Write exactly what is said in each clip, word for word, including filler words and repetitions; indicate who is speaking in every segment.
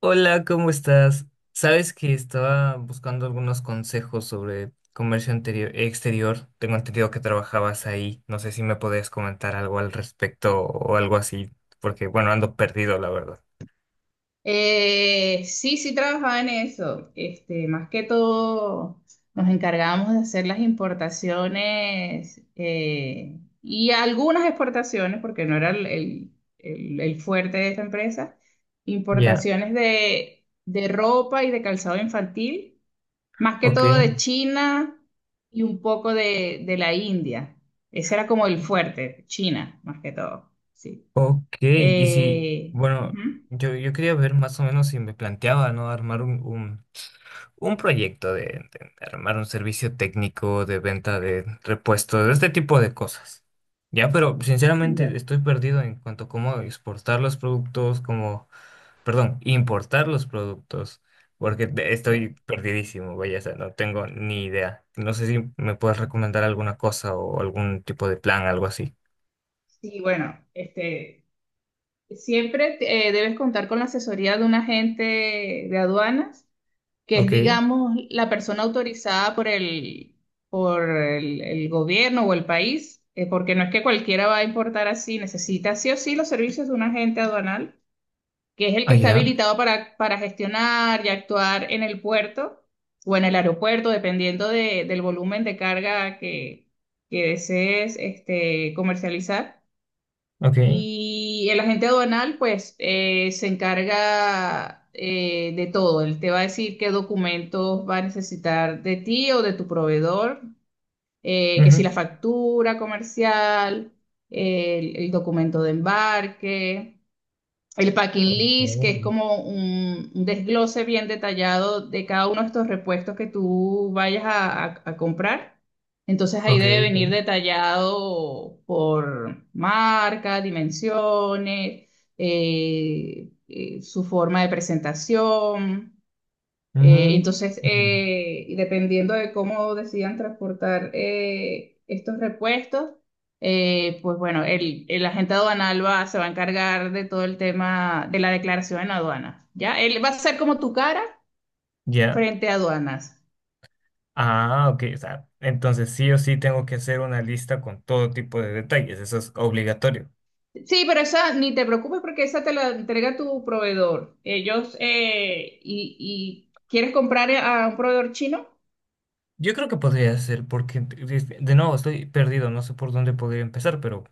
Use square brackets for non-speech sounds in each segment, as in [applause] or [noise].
Speaker 1: Hola, ¿cómo estás? Sabes que estaba buscando algunos consejos sobre comercio anterior- exterior. Tengo entendido que trabajabas ahí. No sé si me podías comentar algo al respecto o algo así, porque bueno, ando perdido, la verdad.
Speaker 2: Eh, sí, sí trabajaba en eso. Este, más que todo nos encargábamos de hacer las importaciones eh, y algunas exportaciones, porque no era el, el- el- el fuerte de esta empresa,
Speaker 1: Ya,
Speaker 2: importaciones de, de ropa y de calzado infantil, más que
Speaker 1: ok,
Speaker 2: todo de China y un poco de, de la India. Ese era como el fuerte, China, más que todo. Sí.
Speaker 1: ok. Y si,
Speaker 2: Eh,
Speaker 1: bueno,
Speaker 2: ujú.
Speaker 1: yo, yo quería ver más o menos si me planteaba, ¿no? Armar un, un proyecto de, de armar un servicio técnico de venta de repuestos, este tipo de cosas. Ya, pero sinceramente
Speaker 2: Ya,
Speaker 1: estoy perdido en cuanto a cómo exportar los productos, cómo, perdón, importar los productos, porque de-
Speaker 2: ya.
Speaker 1: estoy perdidísimo, vaya, o sea, no tengo ni idea. No sé si me puedes recomendar alguna cosa o algún tipo de plan, algo así.
Speaker 2: Sí, bueno, este, siempre eh, debes contar con la asesoría de un agente de aduanas, que es,
Speaker 1: Ok,
Speaker 2: digamos, la persona autorizada por el, por el, el gobierno o el país, eh, porque no es que cualquiera va a importar así, necesita sí o sí los servicios de un agente aduanal, que es el que está
Speaker 1: allá,
Speaker 2: habilitado para, para gestionar y actuar en el puerto o en el aeropuerto, dependiendo de- del volumen de carga que, que desees este, comercializar.
Speaker 1: ok.
Speaker 2: Y el agente aduanal, pues, eh, se encarga eh, de todo. Él te va a decir qué documentos va a necesitar de ti o de tu proveedor, eh, que si la
Speaker 1: Ujú.
Speaker 2: factura comercial, el, el documento de embarque, el packing list, que es
Speaker 1: Ok,
Speaker 2: como un, un desglose bien detallado de cada uno de estos repuestos que tú vayas a, a- a comprar. Entonces ahí
Speaker 1: ok,
Speaker 2: debe
Speaker 1: ok.
Speaker 2: venir detallado por marca, dimensiones, eh, eh, su forma de presentación. Eh,
Speaker 1: Mm,
Speaker 2: entonces,
Speaker 1: mm,
Speaker 2: eh, y dependiendo de cómo decidan transportar eh, estos repuestos, eh, pues bueno, el, el agente aduanal va, se va a encargar de todo el tema de la declaración en aduanas, ¿ya? Él va a ser como tu cara
Speaker 1: ya.
Speaker 2: frente a aduanas.
Speaker 1: Ah, ok, o sea, entonces sí o sí tengo que hacer una lista con todo tipo de detalles, eso es obligatorio.
Speaker 2: Sí, pero esa ni te preocupes porque esa te la entrega tu proveedor. Ellos, eh, y, y quieres comprar a un proveedor chino.
Speaker 1: Yo creo que podría ser, porque de de nuevo estoy perdido, no sé por dónde podría empezar, pero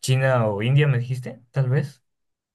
Speaker 1: China o India me dijiste, tal vez.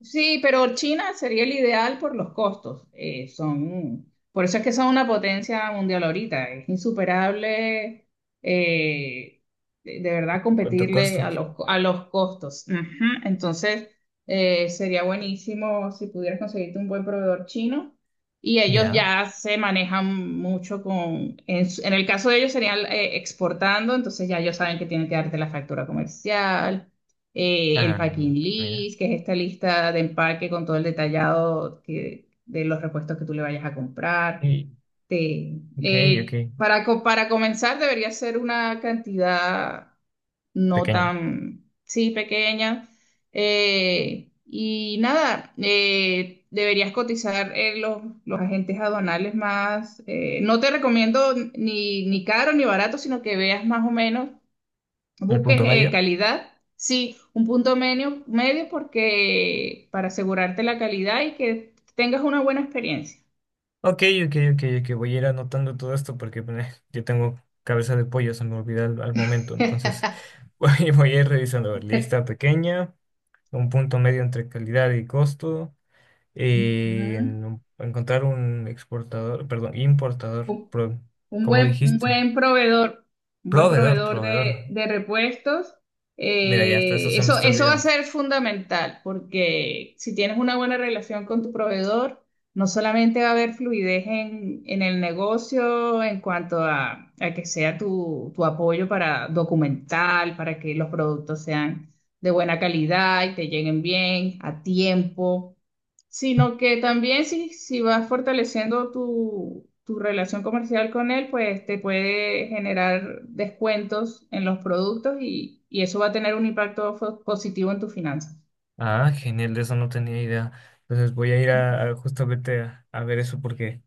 Speaker 2: Sí, pero China sería el ideal por los costos. Eh, son, por eso es que son una potencia mundial ahorita. Es insuperable, eh, de, de verdad,
Speaker 1: ¿Cuánto
Speaker 2: competirle a
Speaker 1: costos?
Speaker 2: los, co- a los costos. Ujú. Entonces, eh, sería buenísimo si pudieras conseguirte un buen proveedor chino. Y ellos
Speaker 1: Ya.
Speaker 2: ya se manejan mucho con, en, su- en el caso de ellos serían eh, exportando, entonces ya ellos saben que tienen que darte la factura comercial, eh, el
Speaker 1: Ah,
Speaker 2: packing
Speaker 1: mira.
Speaker 2: list, que es esta lista de empaque con todo el detallado que- de los repuestos que tú le vayas a comprar.
Speaker 1: Y,
Speaker 2: Te-
Speaker 1: ok, ok,
Speaker 2: eh, para, co- para comenzar, debería ser una cantidad no
Speaker 1: pequeña.
Speaker 2: tan, sí, pequeña. Eh, y nada, eh, Deberías cotizar eh, los, los agentes aduanales más. Eh, no te recomiendo ni, ni caro ni barato, sino que veas más o menos
Speaker 1: El
Speaker 2: busques
Speaker 1: punto
Speaker 2: eh,
Speaker 1: medio.
Speaker 2: calidad, sí, un punto medio, medio porque para asegurarte la calidad y que tengas una buena experiencia.
Speaker 1: Ok, ok, ok, ok, voy a ir anotando todo esto porque eh, [laughs] yo tengo cabeza de pollo, se me olvida al al momento, entonces [laughs] voy, voy a ir revisando, a ver, lista
Speaker 2: [laughs]
Speaker 1: pequeña. Un punto medio entre calidad y costo, eh, en un- encontrar un exportador, perdón, importador,
Speaker 2: Ujú.
Speaker 1: pro-
Speaker 2: Un
Speaker 1: ¿cómo
Speaker 2: buen, un
Speaker 1: dijiste?
Speaker 2: buen proveedor, un buen
Speaker 1: Proveedor,
Speaker 2: proveedor
Speaker 1: proveedor.
Speaker 2: de, de repuestos,
Speaker 1: Mira, ya hasta eso
Speaker 2: eh,
Speaker 1: se me
Speaker 2: eso,
Speaker 1: está
Speaker 2: eso va a
Speaker 1: olvidando.
Speaker 2: ser fundamental, porque si tienes una buena relación con tu proveedor, no solamente va a haber fluidez en, en el negocio en cuanto a, a que sea tu, tu apoyo para documental, para que los productos sean de buena calidad y te lleguen bien, a tiempo, sino que también si, si vas fortaleciendo tu, tu relación comercial con él, pues te puede generar descuentos en los productos y, y eso va a tener un impacto fo- positivo en tus finanzas.
Speaker 1: Ah, genial, de eso no tenía idea. Entonces voy a ir a, a justamente a, a ver eso porque,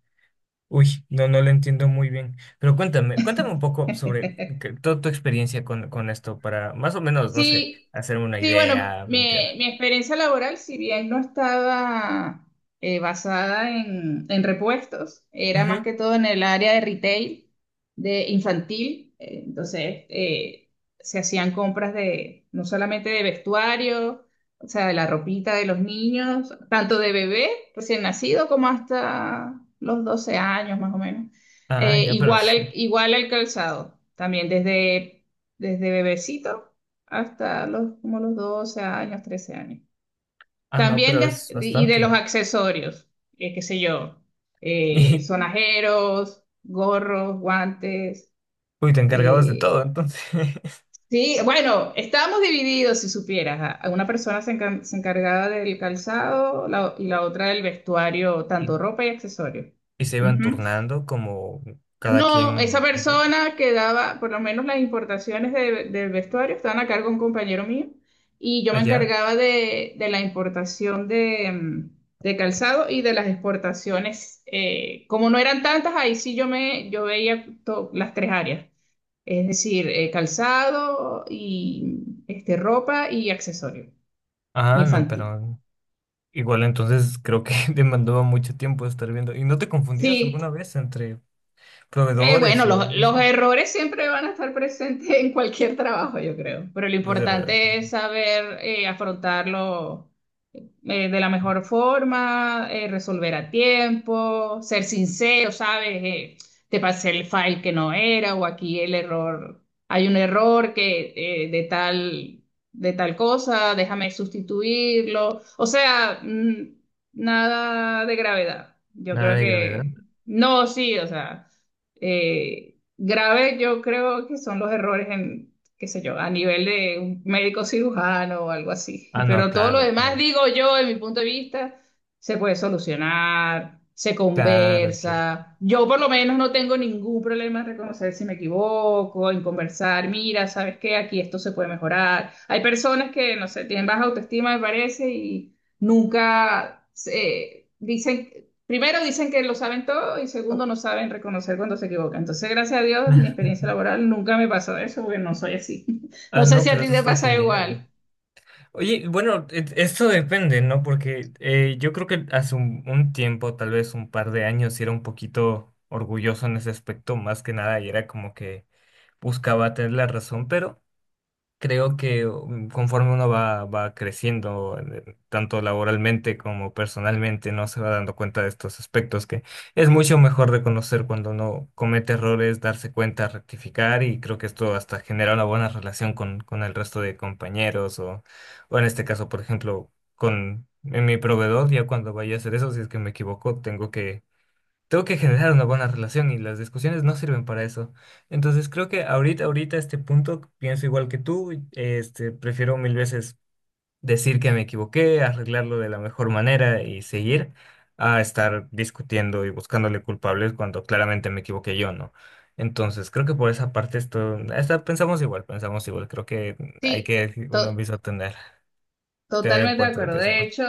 Speaker 1: uy, no, no lo entiendo muy bien. Pero cuéntame, cuéntame un poco sobre que- toda tu experiencia con, con esto para más o menos, no sé,
Speaker 2: Sí,
Speaker 1: hacerme una
Speaker 2: sí, bueno,
Speaker 1: idea,
Speaker 2: mi,
Speaker 1: plantear.
Speaker 2: mi experiencia laboral, si bien no estaba eh, basada en, en repuestos, era más
Speaker 1: Ujú.
Speaker 2: que todo en el área de retail, de infantil. Eh, entonces, eh, se hacían compras de no solamente de vestuario, o sea, de la ropita de los niños, tanto de bebé recién nacido como hasta los doce años más o menos.
Speaker 1: Ah,
Speaker 2: Eh,
Speaker 1: ya, pero
Speaker 2: igual
Speaker 1: es,
Speaker 2: al, igual al calzado, también desde, desde bebecito hasta los, como los doce años, trece años.
Speaker 1: ah, no,
Speaker 2: También
Speaker 1: pero
Speaker 2: de as-
Speaker 1: es
Speaker 2: de- y de los
Speaker 1: bastante.
Speaker 2: accesorios, eh, qué sé yo, eh,
Speaker 1: Y
Speaker 2: sonajeros, gorros, guantes.
Speaker 1: uy, te encargabas de
Speaker 2: eh,
Speaker 1: todo, entonces. [laughs]
Speaker 2: sí, bueno, estábamos divididos, si supieras. A- a Una persona se, encan- se encargaba del calzado la o- y la otra del vestuario,
Speaker 1: Y,
Speaker 2: tanto ropa y accesorios.
Speaker 1: y se iban turnando como cada
Speaker 2: No, esa
Speaker 1: quien de
Speaker 2: persona que daba, por lo menos las importaciones de- del vestuario, estaban a cargo de un compañero mío y yo me
Speaker 1: allá.
Speaker 2: encargaba de, de la importación de, mm, de calzado y de las exportaciones. Eh, como no eran tantas, ahí sí yo, me, yo veía to- las tres áreas, es decir, eh, calzado y este, ropa y accesorio
Speaker 1: Ah, no,
Speaker 2: infantil.
Speaker 1: pero igual entonces creo que [laughs] demandaba mucho tiempo estar viendo. ¿Y no te confundías
Speaker 2: Sí.
Speaker 1: alguna vez entre
Speaker 2: Eh, bueno,
Speaker 1: proveedores o
Speaker 2: los,
Speaker 1: algo
Speaker 2: los
Speaker 1: así?
Speaker 2: errores siempre van a estar presentes en cualquier trabajo, yo creo, pero lo
Speaker 1: Es verdad. Es
Speaker 2: importante
Speaker 1: verdad.
Speaker 2: es saber eh, afrontarlo eh, de la mejor forma, eh, resolver a tiempo, ser sincero, ¿sabes? Eh, te pasé el file que no era o aquí el error, hay un error que eh, de tal, de tal cosa, déjame sustituirlo. O sea, mm, nada de gravedad. Yo
Speaker 1: Nada
Speaker 2: creo
Speaker 1: de gravedad.
Speaker 2: que, no, sí, o sea, eh, grave yo creo que son los errores, qué sé yo, a nivel de un médico cirujano o algo así.
Speaker 1: Ah, no,
Speaker 2: Pero todo lo
Speaker 1: claro,
Speaker 2: demás,
Speaker 1: claro.
Speaker 2: digo yo, de mi punto de vista, se puede solucionar, se
Speaker 1: Claro, claro.
Speaker 2: conversa. Yo por lo menos no tengo ningún problema en reconocer si me equivoco, en conversar, mira, ¿sabes qué? Aquí esto se puede mejorar. Hay personas que, no sé, tienen baja autoestima, me parece, y nunca se eh, dicen, primero dicen que lo saben todo y segundo no saben reconocer cuando se equivocan. Entonces, gracias a Dios, en mi
Speaker 1: [laughs]
Speaker 2: experiencia laboral nunca me pasó eso porque no soy así. [laughs]
Speaker 1: Ah,
Speaker 2: No sé
Speaker 1: no,
Speaker 2: si a
Speaker 1: pero
Speaker 2: ti
Speaker 1: eso
Speaker 2: te
Speaker 1: está
Speaker 2: pasa
Speaker 1: genial.
Speaker 2: igual.
Speaker 1: Oye, bueno, e- esto depende, ¿no? Porque eh, yo creo que hace un, un tiempo, tal vez un par de años, sí era un poquito orgulloso en ese aspecto, más que nada, y era como que buscaba tener la razón, pero... Creo que um, conforme uno va, va creciendo, eh, tanto laboralmente como personalmente, no se va dando cuenta de estos aspectos que es mucho mejor reconocer cuando uno comete errores, darse cuenta, rectificar y creo que esto hasta genera una buena relación con, con el resto de compañeros o, o en este caso, por ejemplo, con en mi proveedor, ya cuando vaya a hacer eso, si es que me equivoco, tengo que tengo que generar una buena relación y las discusiones no sirven para eso. Entonces creo que ahorita, ahorita, a este punto, pienso igual que tú, este, prefiero mil veces decir que me equivoqué, arreglarlo de la mejor manera y seguir a estar discutiendo y buscándole culpables cuando claramente me equivoqué yo, ¿no? Entonces creo que por esa parte esto, esta- pensamos igual, pensamos igual, creo que hay
Speaker 2: Sí,
Speaker 1: que uno
Speaker 2: to-
Speaker 1: mismo tener, tener en
Speaker 2: totalmente de
Speaker 1: cuenta lo
Speaker 2: acuerdo.
Speaker 1: que
Speaker 2: De
Speaker 1: hacemos.
Speaker 2: hecho,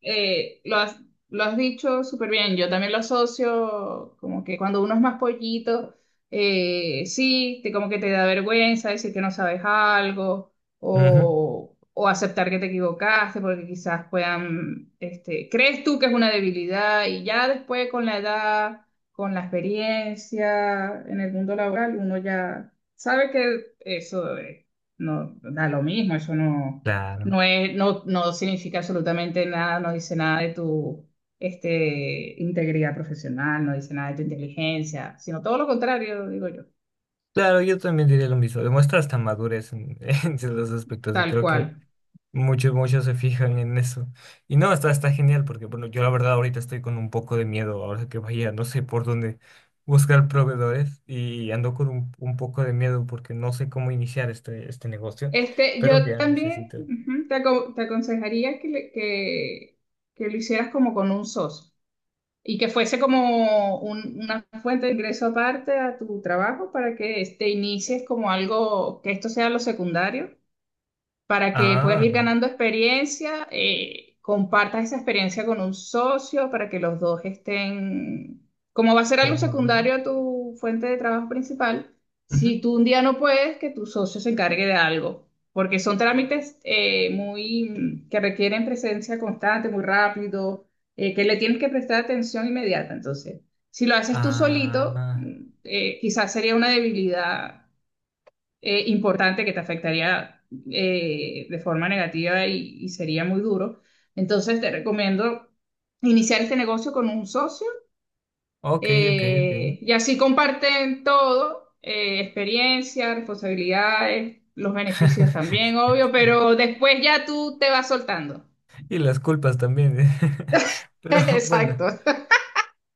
Speaker 2: eh, lo has, lo has dicho súper bien. Yo también lo asocio como que cuando uno es más pollito, eh, sí, te, como que te da vergüenza decir que no sabes algo
Speaker 1: Ujú,
Speaker 2: o, o aceptar que te equivocaste porque quizás puedan, este, crees tú que es una debilidad y ya después con la edad, con la experiencia en el mundo laboral, uno ya sabe que eso, eh, no da lo mismo, eso no.
Speaker 1: claro.
Speaker 2: No es, no, no significa absolutamente nada, no dice nada de tu este, integridad profesional, no dice nada de tu inteligencia, sino todo lo contrario, digo yo,
Speaker 1: Claro, yo también diría lo mismo. Demuestra hasta madurez en, [laughs] en ciertos aspectos. Y
Speaker 2: tal
Speaker 1: creo que
Speaker 2: cual.
Speaker 1: muchos, muchos se fijan en eso. Y no, está, está genial porque, bueno, yo la verdad ahorita estoy con un poco de miedo. Ahora que vaya, no sé por dónde buscar proveedores. Y ando con un, un poco de miedo porque no sé cómo iniciar este, este negocio.
Speaker 2: Este,
Speaker 1: Pero
Speaker 2: yo
Speaker 1: ya
Speaker 2: también
Speaker 1: necesito.
Speaker 2: ujú, te, aco- te aconsejaría que, le- que, que lo hicieras como con un socio y que fuese como un- una fuente de ingreso aparte a tu trabajo para que te inicies como algo, que esto sea lo secundario para que puedas
Speaker 1: Ah,
Speaker 2: ir ganando experiencia, eh, compartas esa experiencia con un socio para que los dos estén, como va a ser algo
Speaker 1: como,
Speaker 2: secundario a tu fuente de trabajo principal,
Speaker 1: ujú.
Speaker 2: si tú un día no puedes, que tu socio se encargue de algo, porque son trámites eh, muy que requieren presencia constante, muy rápido, eh, que le tienes que prestar atención inmediata. Entonces, si lo haces tú solito,
Speaker 1: Ah,
Speaker 2: mm, eh, quizás sería una debilidad eh, importante que te afectaría eh, de forma negativa y, y sería muy duro. Entonces te recomiendo iniciar este negocio con un socio,
Speaker 1: ok, ok, ok.
Speaker 2: eh, y así comparten todo, eh, experiencia, responsabilidades, los beneficios también, obvio,
Speaker 1: [laughs]
Speaker 2: pero después ya tú te vas soltando.
Speaker 1: Y las culpas también. [laughs]
Speaker 2: [laughs]
Speaker 1: Pero bueno.
Speaker 2: Exacto.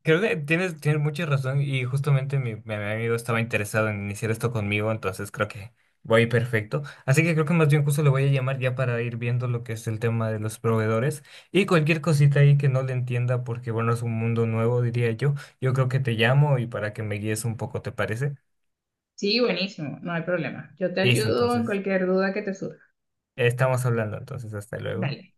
Speaker 1: Creo que tienes, tienes mucha razón y justamente mi, mi amigo estaba interesado en iniciar esto conmigo, entonces creo que voy perfecto. Así que creo que más bien justo le voy a llamar ya para ir viendo lo que es el tema de los proveedores y cualquier cosita ahí que no le entienda porque bueno, es un mundo nuevo, diría yo. Yo creo que te llamo y para que me guíes un poco, ¿te parece?
Speaker 2: Sí, buenísimo, no hay problema. Yo te
Speaker 1: Listo,
Speaker 2: ayudo en
Speaker 1: entonces,
Speaker 2: cualquier duda que te surja.
Speaker 1: estamos hablando, entonces hasta luego.
Speaker 2: Dale.